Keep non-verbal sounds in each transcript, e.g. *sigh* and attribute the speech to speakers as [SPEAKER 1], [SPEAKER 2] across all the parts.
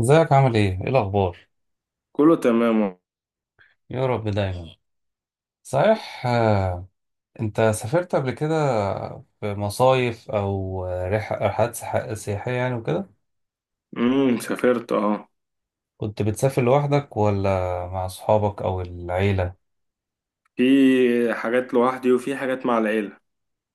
[SPEAKER 1] ازيك؟ عامل ايه؟ ايه الأخبار؟
[SPEAKER 2] كله تمام.
[SPEAKER 1] يا رب دايما. صحيح آه، انت سافرت قبل كده في مصايف أو رحلات سياحية يعني وكده؟
[SPEAKER 2] سافرت اه.
[SPEAKER 1] كنت بتسافر لوحدك ولا مع أصحابك أو العيلة؟
[SPEAKER 2] في حاجات لوحدي وفي حاجات مع العيلة.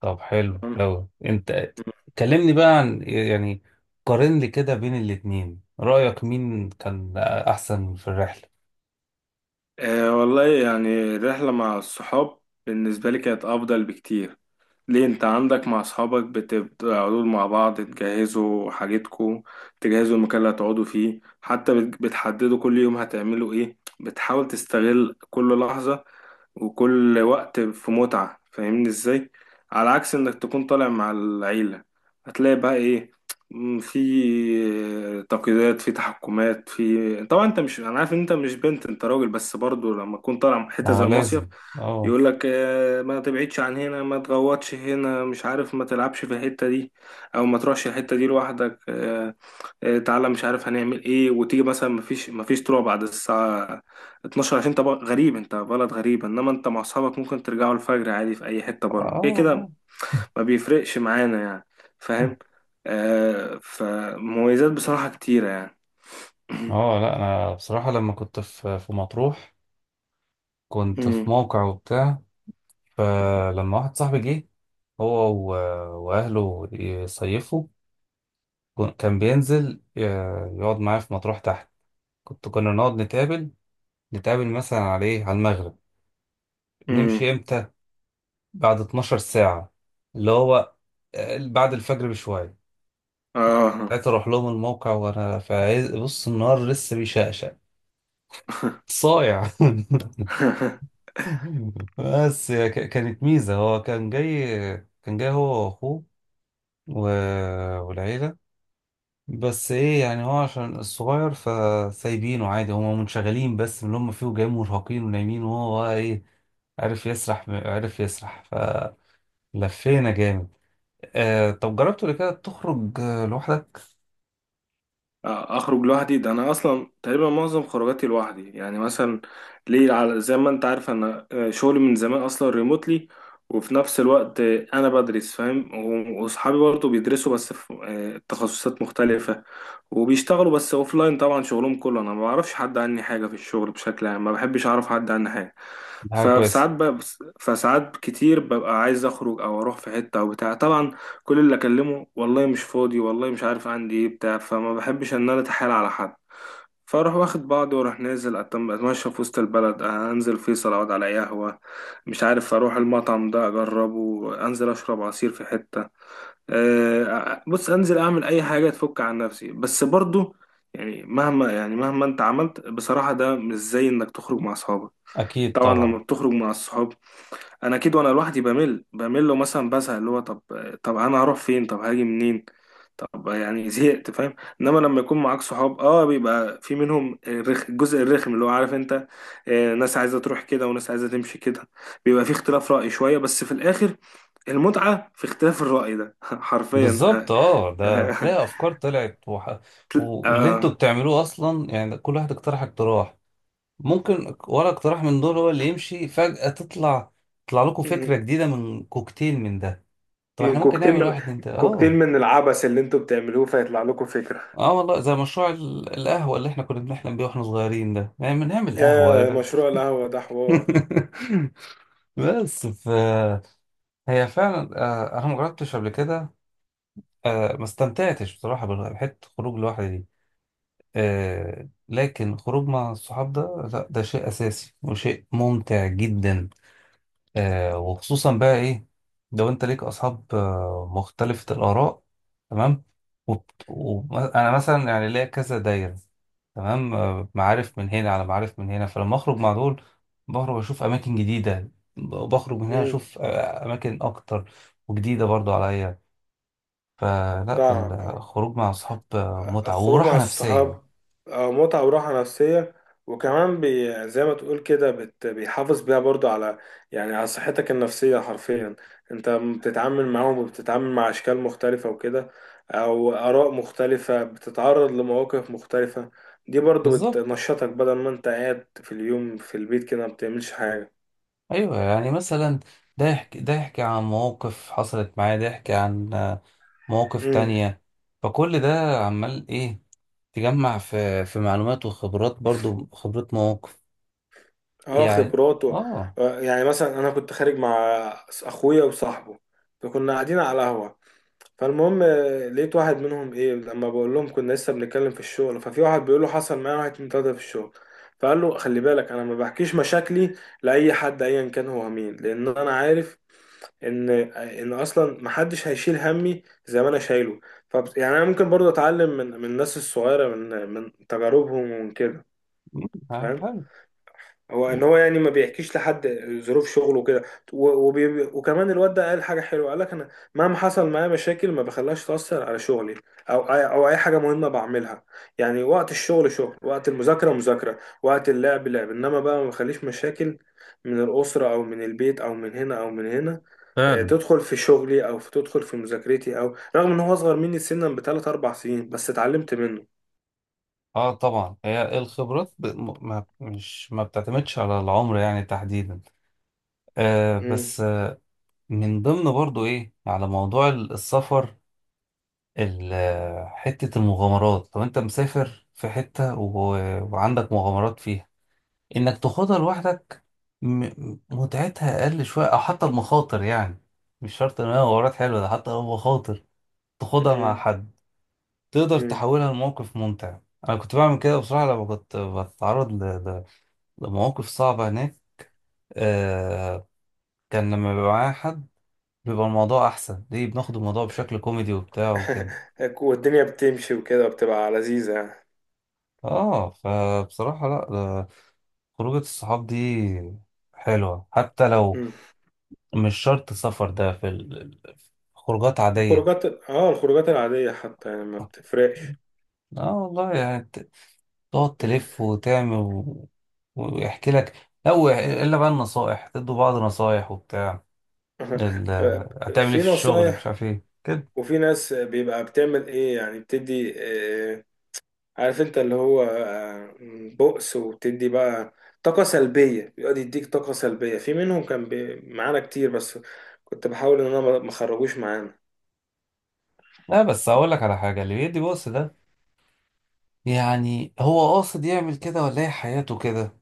[SPEAKER 1] طب حلو
[SPEAKER 2] تمام.
[SPEAKER 1] أوي. انت كلمني بقى عن يعني قارن لي كده بين الاتنين، رأيك مين كان أحسن في الرحلة؟
[SPEAKER 2] آه والله يعني الرحلة مع الصحاب بالنسبة لي كانت أفضل بكتير. ليه، انت عندك مع اصحابك بتقعدوا مع بعض، تجهزوا حاجتكم، تجهزوا المكان اللي هتقعدوا فيه، حتى بتحددوا كل يوم هتعملوا ايه، بتحاول تستغل كل لحظة وكل وقت في متعة، فاهمني ازاي؟ على عكس انك تكون طالع مع العيلة، هتلاقي بقى ايه، في تقييدات، في تحكمات، في طبعا انت مش، انا عارف ان انت مش بنت، انت راجل، بس برضو لما تكون طالع
[SPEAKER 1] ما
[SPEAKER 2] حتة
[SPEAKER 1] هو
[SPEAKER 2] زي المصيف
[SPEAKER 1] لازم. اه.
[SPEAKER 2] يقول لك آه، ما تبعدش عن هنا، ما تغوطش هنا، مش عارف، ما تلعبش في الحتة دي او ما تروحش الحتة دي لوحدك. آه، آه، تعالى، مش عارف هنعمل ايه، وتيجي مثلا ما فيش طلوع بعد الساعة 12 عشان انت غريب، انت بلد غريب. انما انت مع اصحابك ممكن ترجعوا الفجر عادي في اي حتة بره،
[SPEAKER 1] اه
[SPEAKER 2] كده كده
[SPEAKER 1] والله. *laughs*
[SPEAKER 2] ما بيفرقش معانا يعني، فاهم. آه، فمميزات بصراحة كتيرة يعني. *clears throat*
[SPEAKER 1] اه لا، انا بصراحه لما كنت في مطروح كنت في
[SPEAKER 2] مم.
[SPEAKER 1] موقع وبتاع. فلما واحد صاحبي جه هو وأهله يصيفوا، كان بينزل يقعد معايا في مطروح تحت. كنا نقعد نتقابل، نتقابل مثلا على ايه، على المغرب.
[SPEAKER 2] مم.
[SPEAKER 1] نمشي امتى؟ بعد 12 ساعة، اللي هو بعد الفجر بشوية.
[SPEAKER 2] اه.
[SPEAKER 1] ساعتها أروح لهم الموقع وأنا في بص النهار لسه بيشقشق، صايع. *laughs*
[SPEAKER 2] *laughs*
[SPEAKER 1] بس هي كانت ميزة، هو كان جاي، كان جاي هو وأخوه و... والعيلة. بس ايه يعني، هو عشان الصغير فسايبينه عادي، هما منشغلين بس من اللي هما فيه، جاي مرهقين ونايمين، وهو بقى ايه، عرف يسرح، عرف يسرح. فلفينا جامد. آه طب جربت قبل كده تخرج لوحدك؟
[SPEAKER 2] آه، اخرج لوحدي. ده انا اصلا تقريبا معظم خروجاتي لوحدي يعني. مثلا ليه؟ على زي ما انت عارف انا آه، شغلي من زمان اصلا ريموتلي، وفي نفس الوقت آه، انا بدرس فاهم، واصحابي برضه بيدرسوا، بس في آه، تخصصات مختلفة وبيشتغلوا، بس اوفلاين طبعا شغلهم كله. انا ما بعرفش حد عني حاجة في الشغل، بشكل عام ما بحبش اعرف حد عني حاجة.
[SPEAKER 1] دي حاجة كويسة.
[SPEAKER 2] فساعات بقى، فساعات كتير ببقى عايز اخرج او اروح في حتة او بتاع. طبعا كل اللي اكلمه، والله مش فاضي، والله مش عارف عندي ايه، بتاع، فما بحبش ان انا اتحايل على حد. فاروح واخد بعضي واروح نازل اتمشى في وسط البلد، انزل فيصل اقعد على أي قهوه، مش عارف اروح المطعم ده اجربه، انزل اشرب عصير في حته. آه، بص، انزل اعمل اي حاجه تفك عن نفسي. بس برضو يعني، مهما انت عملت بصراحه، ده مش زي انك تخرج مع اصحابك.
[SPEAKER 1] أكيد
[SPEAKER 2] طبعا
[SPEAKER 1] طبعا.
[SPEAKER 2] لما بتخرج مع الصحاب، انا اكيد وانا لوحدي بمل بمل، ومثلا بزهق، اللي هو طب انا هروح فين؟ طب هاجي منين؟ طب يعني زهقت، فاهم. انما لما يكون معاك صحاب، اه بيبقى في منهم الرخ... الجزء الرخم اللي هو، عارف انت، آه، ناس عايزه تروح كده وناس عايزه تمشي كده. بيبقى في اختلاف رأي شويه، بس في الاخر المتعه في اختلاف الرأي ده *laughs* حرفيا.
[SPEAKER 1] بالظبط. اه ده
[SPEAKER 2] آه.
[SPEAKER 1] تلاقي
[SPEAKER 2] *laughs*
[SPEAKER 1] أفكار طلعت واللي انتوا
[SPEAKER 2] آه.
[SPEAKER 1] بتعملوه أصلا، يعني ده كل واحد اقترح اقتراح، ممكن ولا اقتراح من دول هو اللي يمشي، فجأة تطلع لكم فكرة جديدة من كوكتيل من ده. طب
[SPEAKER 2] من
[SPEAKER 1] احنا ممكن
[SPEAKER 2] كوكتيل
[SPEAKER 1] نعمل
[SPEAKER 2] من
[SPEAKER 1] واحد، اتنين، تلاتة.
[SPEAKER 2] كوكتيل
[SPEAKER 1] اه
[SPEAKER 2] من العبث اللي انتوا بتعملوه فيطلع لكم فكرة.
[SPEAKER 1] اه والله زي مشروع القهوة اللي احنا كنا بنحلم بيه واحنا صغيرين ده، يعني بنعمل
[SPEAKER 2] يا
[SPEAKER 1] قهوة.
[SPEAKER 2] مشروع القهوة ده حوار.
[SPEAKER 1] *laughs* بس ف هي فعلا آه، انا ما جربتش قبل كده، آه، ما استمتعتش بصراحة بحتة خروج لوحدي دي. آه، لكن خروج مع الصحاب ده لا، ده شيء أساسي وشيء ممتع جدا. آه وخصوصا بقى ايه، لو انت ليك اصحاب آه مختلفة الآراء. تمام. وانا مثلا يعني ليا كذا دايرة، تمام، آه معارف من هنا على معارف من هنا، فلما اخرج مع دول بخرج اشوف اماكن جديدة، بخرج من هنا
[SPEAKER 2] مم.
[SPEAKER 1] اشوف آه اماكن اكتر وجديدة برضو عليا. فلا،
[SPEAKER 2] فاهمك اه.
[SPEAKER 1] الخروج مع اصحاب آه، متعة
[SPEAKER 2] الخروج مع
[SPEAKER 1] وراحة نفسية.
[SPEAKER 2] الصحاب آه، متعة وراحة نفسية، وكمان بي زي ما تقول كده، بت بيحافظ بيها برضو على، يعني على صحتك النفسية حرفيا. انت بتتعامل معاهم، وبتتعامل مع أشكال مختلفة وكده، أو آراء مختلفة، بتتعرض لمواقف مختلفة، دي برضو بتنشطك بدل ما انت قاعد في اليوم في البيت كده ما بتعملش حاجة.
[SPEAKER 1] ايوه يعني مثلا ده يحكي، ده يحكي عن مواقف حصلت معاه، ده يحكي عن آه، مواقف
[SPEAKER 2] امم،
[SPEAKER 1] تانية، فكل ده عمال ايه، تجمع في معلومات وخبرات، برضو خبرات مواقف
[SPEAKER 2] اه،
[SPEAKER 1] يعني.
[SPEAKER 2] خبرات
[SPEAKER 1] اه.
[SPEAKER 2] آه، يعني مثلا انا كنت خارج مع اخويا وصاحبه، فكنا قاعدين على قهوة. فالمهم آه، لقيت واحد منهم ايه، لما بقول لهم كنا لسه بنتكلم في الشغل، ففي واحد بيقول له حصل معايا واحد اتنين تلاته في الشغل. فقال له خلي بالك، انا ما بحكيش مشاكلي لاي حد ايا كان هو مين، لان انا عارف ان آه، ان اصلا ما حدش هيشيل همي زي ما انا شايله. ف يعني انا ممكن برضه اتعلم من الناس الصغيره، من تجاربهم ومن كده،
[SPEAKER 1] مم،
[SPEAKER 2] فاهم.
[SPEAKER 1] حلو.
[SPEAKER 2] هو يعني ما بيحكيش لحد ظروف شغله وكده، وبي... وكمان الواد ده قال حاجه حلوه، قال لك انا مهما حصل معايا مشاكل ما بخليهاش تاثر على شغلي او أي... او اي حاجه مهمه بعملها. يعني وقت الشغل شغل، وقت المذاكره مذاكره، وقت اللعب لعب، انما بقى ما بخليش مشاكل من الاسره او من البيت او من هنا او من هنا آه،
[SPEAKER 1] فعلا.
[SPEAKER 2] تدخل في شغلي او في تدخل في مذاكرتي. او رغم ان هو اصغر مني سنا بثلاث اربع سنين، بس اتعلمت منه.
[SPEAKER 1] اه طبعا هي الخبرات ب... ما مش ما بتعتمدش على العمر يعني تحديدا. آه
[SPEAKER 2] مم.
[SPEAKER 1] بس آه من ضمن برضو ايه على موضوع السفر، حتة المغامرات، لو انت مسافر في حتة وعندك مغامرات فيها، انك تاخدها لوحدك متعتها اقل شوية، او حتى المخاطر يعني. مش شرط ان هي مغامرات حلوة، ده حتى لو مخاطر تاخدها مع حد تقدر
[SPEAKER 2] مم.
[SPEAKER 1] تحولها لموقف ممتع. انا كنت بعمل كده بصراحة لما كنت بتعرض ل- لمواقف صعبة هناك. آه كان لما بيبقى معايا حد بيبقى الموضوع احسن ليه، بناخد الموضوع بشكل كوميدي وبتاع وكده.
[SPEAKER 2] *laughs* والدنيا بتمشي وكده بتبقى لذيذة يعني.
[SPEAKER 1] اه فبصراحة لا، خروجة الصحاب دي حلوة حتى لو
[SPEAKER 2] مم.
[SPEAKER 1] مش شرط سفر، ده في خروجات عادية.
[SPEAKER 2] الخروجات، اه الخروجات العادية حتى يعني ما
[SPEAKER 1] اه
[SPEAKER 2] بتفرقش. *laughs*
[SPEAKER 1] آه والله يعني تقعد تلف وتعمل ويحكي لك لا الا بقى النصائح، تدوا بعض نصائح وبتاع ال... هتعمل ايه
[SPEAKER 2] في
[SPEAKER 1] في الشغل، مش
[SPEAKER 2] نصايح،
[SPEAKER 1] عارف ايه كده.
[SPEAKER 2] وفي ناس بيبقى بتعمل ايه يعني، بتدي آه، عارف انت، اللي هو آه، بؤس، وبتدي بقى طاقة سلبية، بيقعد يديك طاقة سلبية. في منهم كان معانا كتير، بس كنت بحاول ان انا ما اخرجوش معانا.
[SPEAKER 1] لا بس هقول لك على حاجة، اللي بيدي بص ده يعني هو قاصد يعمل كده ولا هي حياته كده؟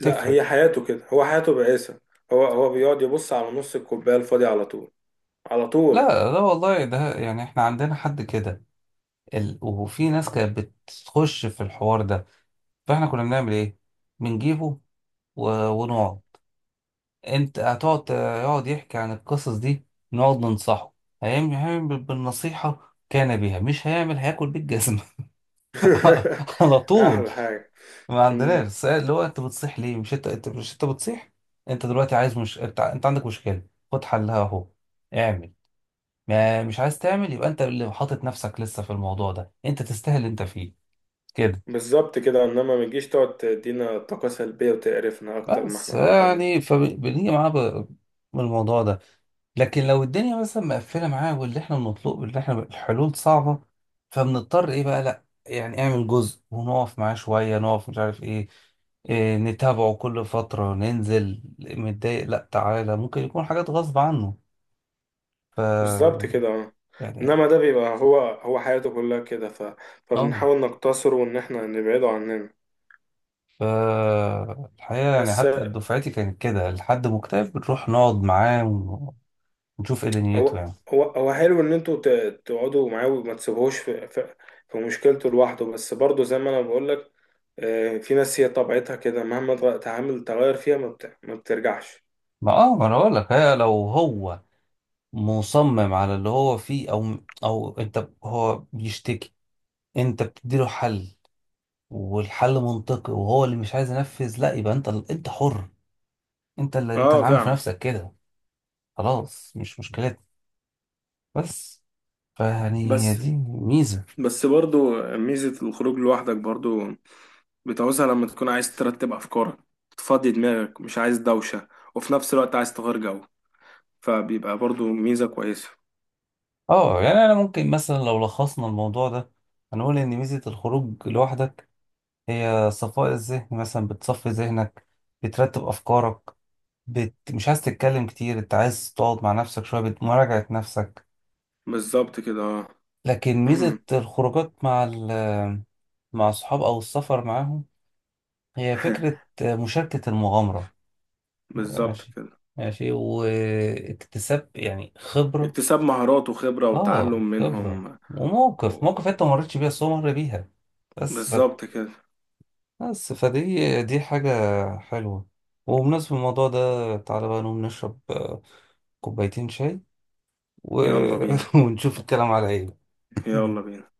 [SPEAKER 2] لا،
[SPEAKER 1] تفرق.
[SPEAKER 2] هي حياته كده، هو حياته بائسة. هو بيقعد يبص على نص الكوباية الفاضية على طول، على
[SPEAKER 1] لا
[SPEAKER 2] طول.
[SPEAKER 1] لا والله ده يعني احنا عندنا حد كده، وفي ناس كانت بتخش في الحوار ده، فاحنا كنا بنعمل ايه، بنجيبه ونقعد. انت هتقعد يقعد يحكي عن القصص دي، نقعد ننصحه. هيعمل بالنصيحة؟ كان بيها مش هيعمل، هياكل بالجزمة. *laughs*
[SPEAKER 2] *laughs*
[SPEAKER 1] على طول.
[SPEAKER 2] احلى حاجه.
[SPEAKER 1] ما
[SPEAKER 2] مم.
[SPEAKER 1] عندناش السؤال اللي هو انت بتصيح ليه؟ مش انت، مش انت بتصيح، انت دلوقتي عايز، مش انت، انت عندك مشكلة، خد حلها اهو، اعمل. ما مش عايز تعمل، يبقى انت اللي حاطط نفسك لسه في الموضوع ده، انت تستاهل اللي انت فيه كده.
[SPEAKER 2] بالظبط كده، انما ما تجيش تقعد تدينا طاقه سلبيه وتقرفنا اكتر ما
[SPEAKER 1] بس
[SPEAKER 2] احنا قرفانين.
[SPEAKER 1] يعني فبنيجي معاه من الموضوع ده، لكن لو الدنيا مثلا مقفله معاه، واللي احنا بنطلبه واللي احنا الحلول صعبه، فبنضطر ايه بقى، لا يعني اعمل جزء ونقف معاه شويه، نقف مش عارف ايه، إيه نتابعه كل فتره، ننزل متضايق، لا تعالى ممكن يكون حاجات غصب عنه. ف
[SPEAKER 2] بالظبط كده اه.
[SPEAKER 1] يعني
[SPEAKER 2] انما ده بيبقى هو حياته كلها كده ف...
[SPEAKER 1] اه
[SPEAKER 2] فبنحاول نقتصره وان احنا نبعده عننا.
[SPEAKER 1] ف الحقيقه يعني
[SPEAKER 2] بس
[SPEAKER 1] حتى دفعتي كانت كده، لحد مكتئب بنروح نقعد معاه ونشوف ايه دنيته
[SPEAKER 2] هو
[SPEAKER 1] يعني.
[SPEAKER 2] هو هو حلو ان انتوا ت... تقعدوا معاه وما تسيبوهوش في... في... في مشكلته لوحده. بس برضه زي ما انا بقول لك، آه، في ناس هي طبيعتها كده مهما تعامل تغير فيها ما، بت... ما بترجعش.
[SPEAKER 1] ما اه ما انا بقول لك هي لو هو مصمم على اللي هو فيه، او او انت، هو بيشتكي، انت بتديله حل والحل منطقي وهو اللي مش عايز ينفذ، لا يبقى انت، انت حر، انت اللي انت
[SPEAKER 2] اه
[SPEAKER 1] اللي عامل في
[SPEAKER 2] فعلا.
[SPEAKER 1] نفسك كده، خلاص مش مشكلتك. بس فيعني هي
[SPEAKER 2] بس
[SPEAKER 1] دي ميزة.
[SPEAKER 2] بس برضو ميزة الخروج لوحدك برضو بتعوزها لما تكون عايز ترتب أفكارك، تفضي دماغك، مش عايز دوشة، وفي نفس الوقت عايز تغير جو، فبيبقى برضو ميزة كويسة.
[SPEAKER 1] اه يعني انا ممكن مثلا لو لخصنا الموضوع ده، هنقول ان ميزة الخروج لوحدك هي صفاء الذهن، مثلا بتصفي ذهنك، بترتب افكارك، بت... مش عايز تتكلم كتير، انت عايز تقعد مع نفسك شوية بمراجعة نفسك.
[SPEAKER 2] بالظبط كده اه.
[SPEAKER 1] لكن ميزة
[SPEAKER 2] *clears throat*
[SPEAKER 1] الخروجات مع مع الصحاب أو السفر معاهم هي فكرة مشاركة المغامرة.
[SPEAKER 2] بالظبط
[SPEAKER 1] ماشي.
[SPEAKER 2] كده.
[SPEAKER 1] ماشي واكتساب يعني خبرة.
[SPEAKER 2] اكتساب مهارات وخبرة
[SPEAKER 1] اه
[SPEAKER 2] وتعلم
[SPEAKER 1] خبرة،
[SPEAKER 2] منهم و...
[SPEAKER 1] وموقف، موقف انت ما مريتش بيها بس هو مر بيها. بس ف...
[SPEAKER 2] بالظبط كده.
[SPEAKER 1] بس فدي دي حاجة حلوة. وبمناسبة الموضوع ده تعالى بقى نقوم نشرب آه، كوبايتين شاي و...
[SPEAKER 2] يلا بينا.
[SPEAKER 1] *laughs* ونشوف الكلام على ايه.
[SPEAKER 2] يلا بينا.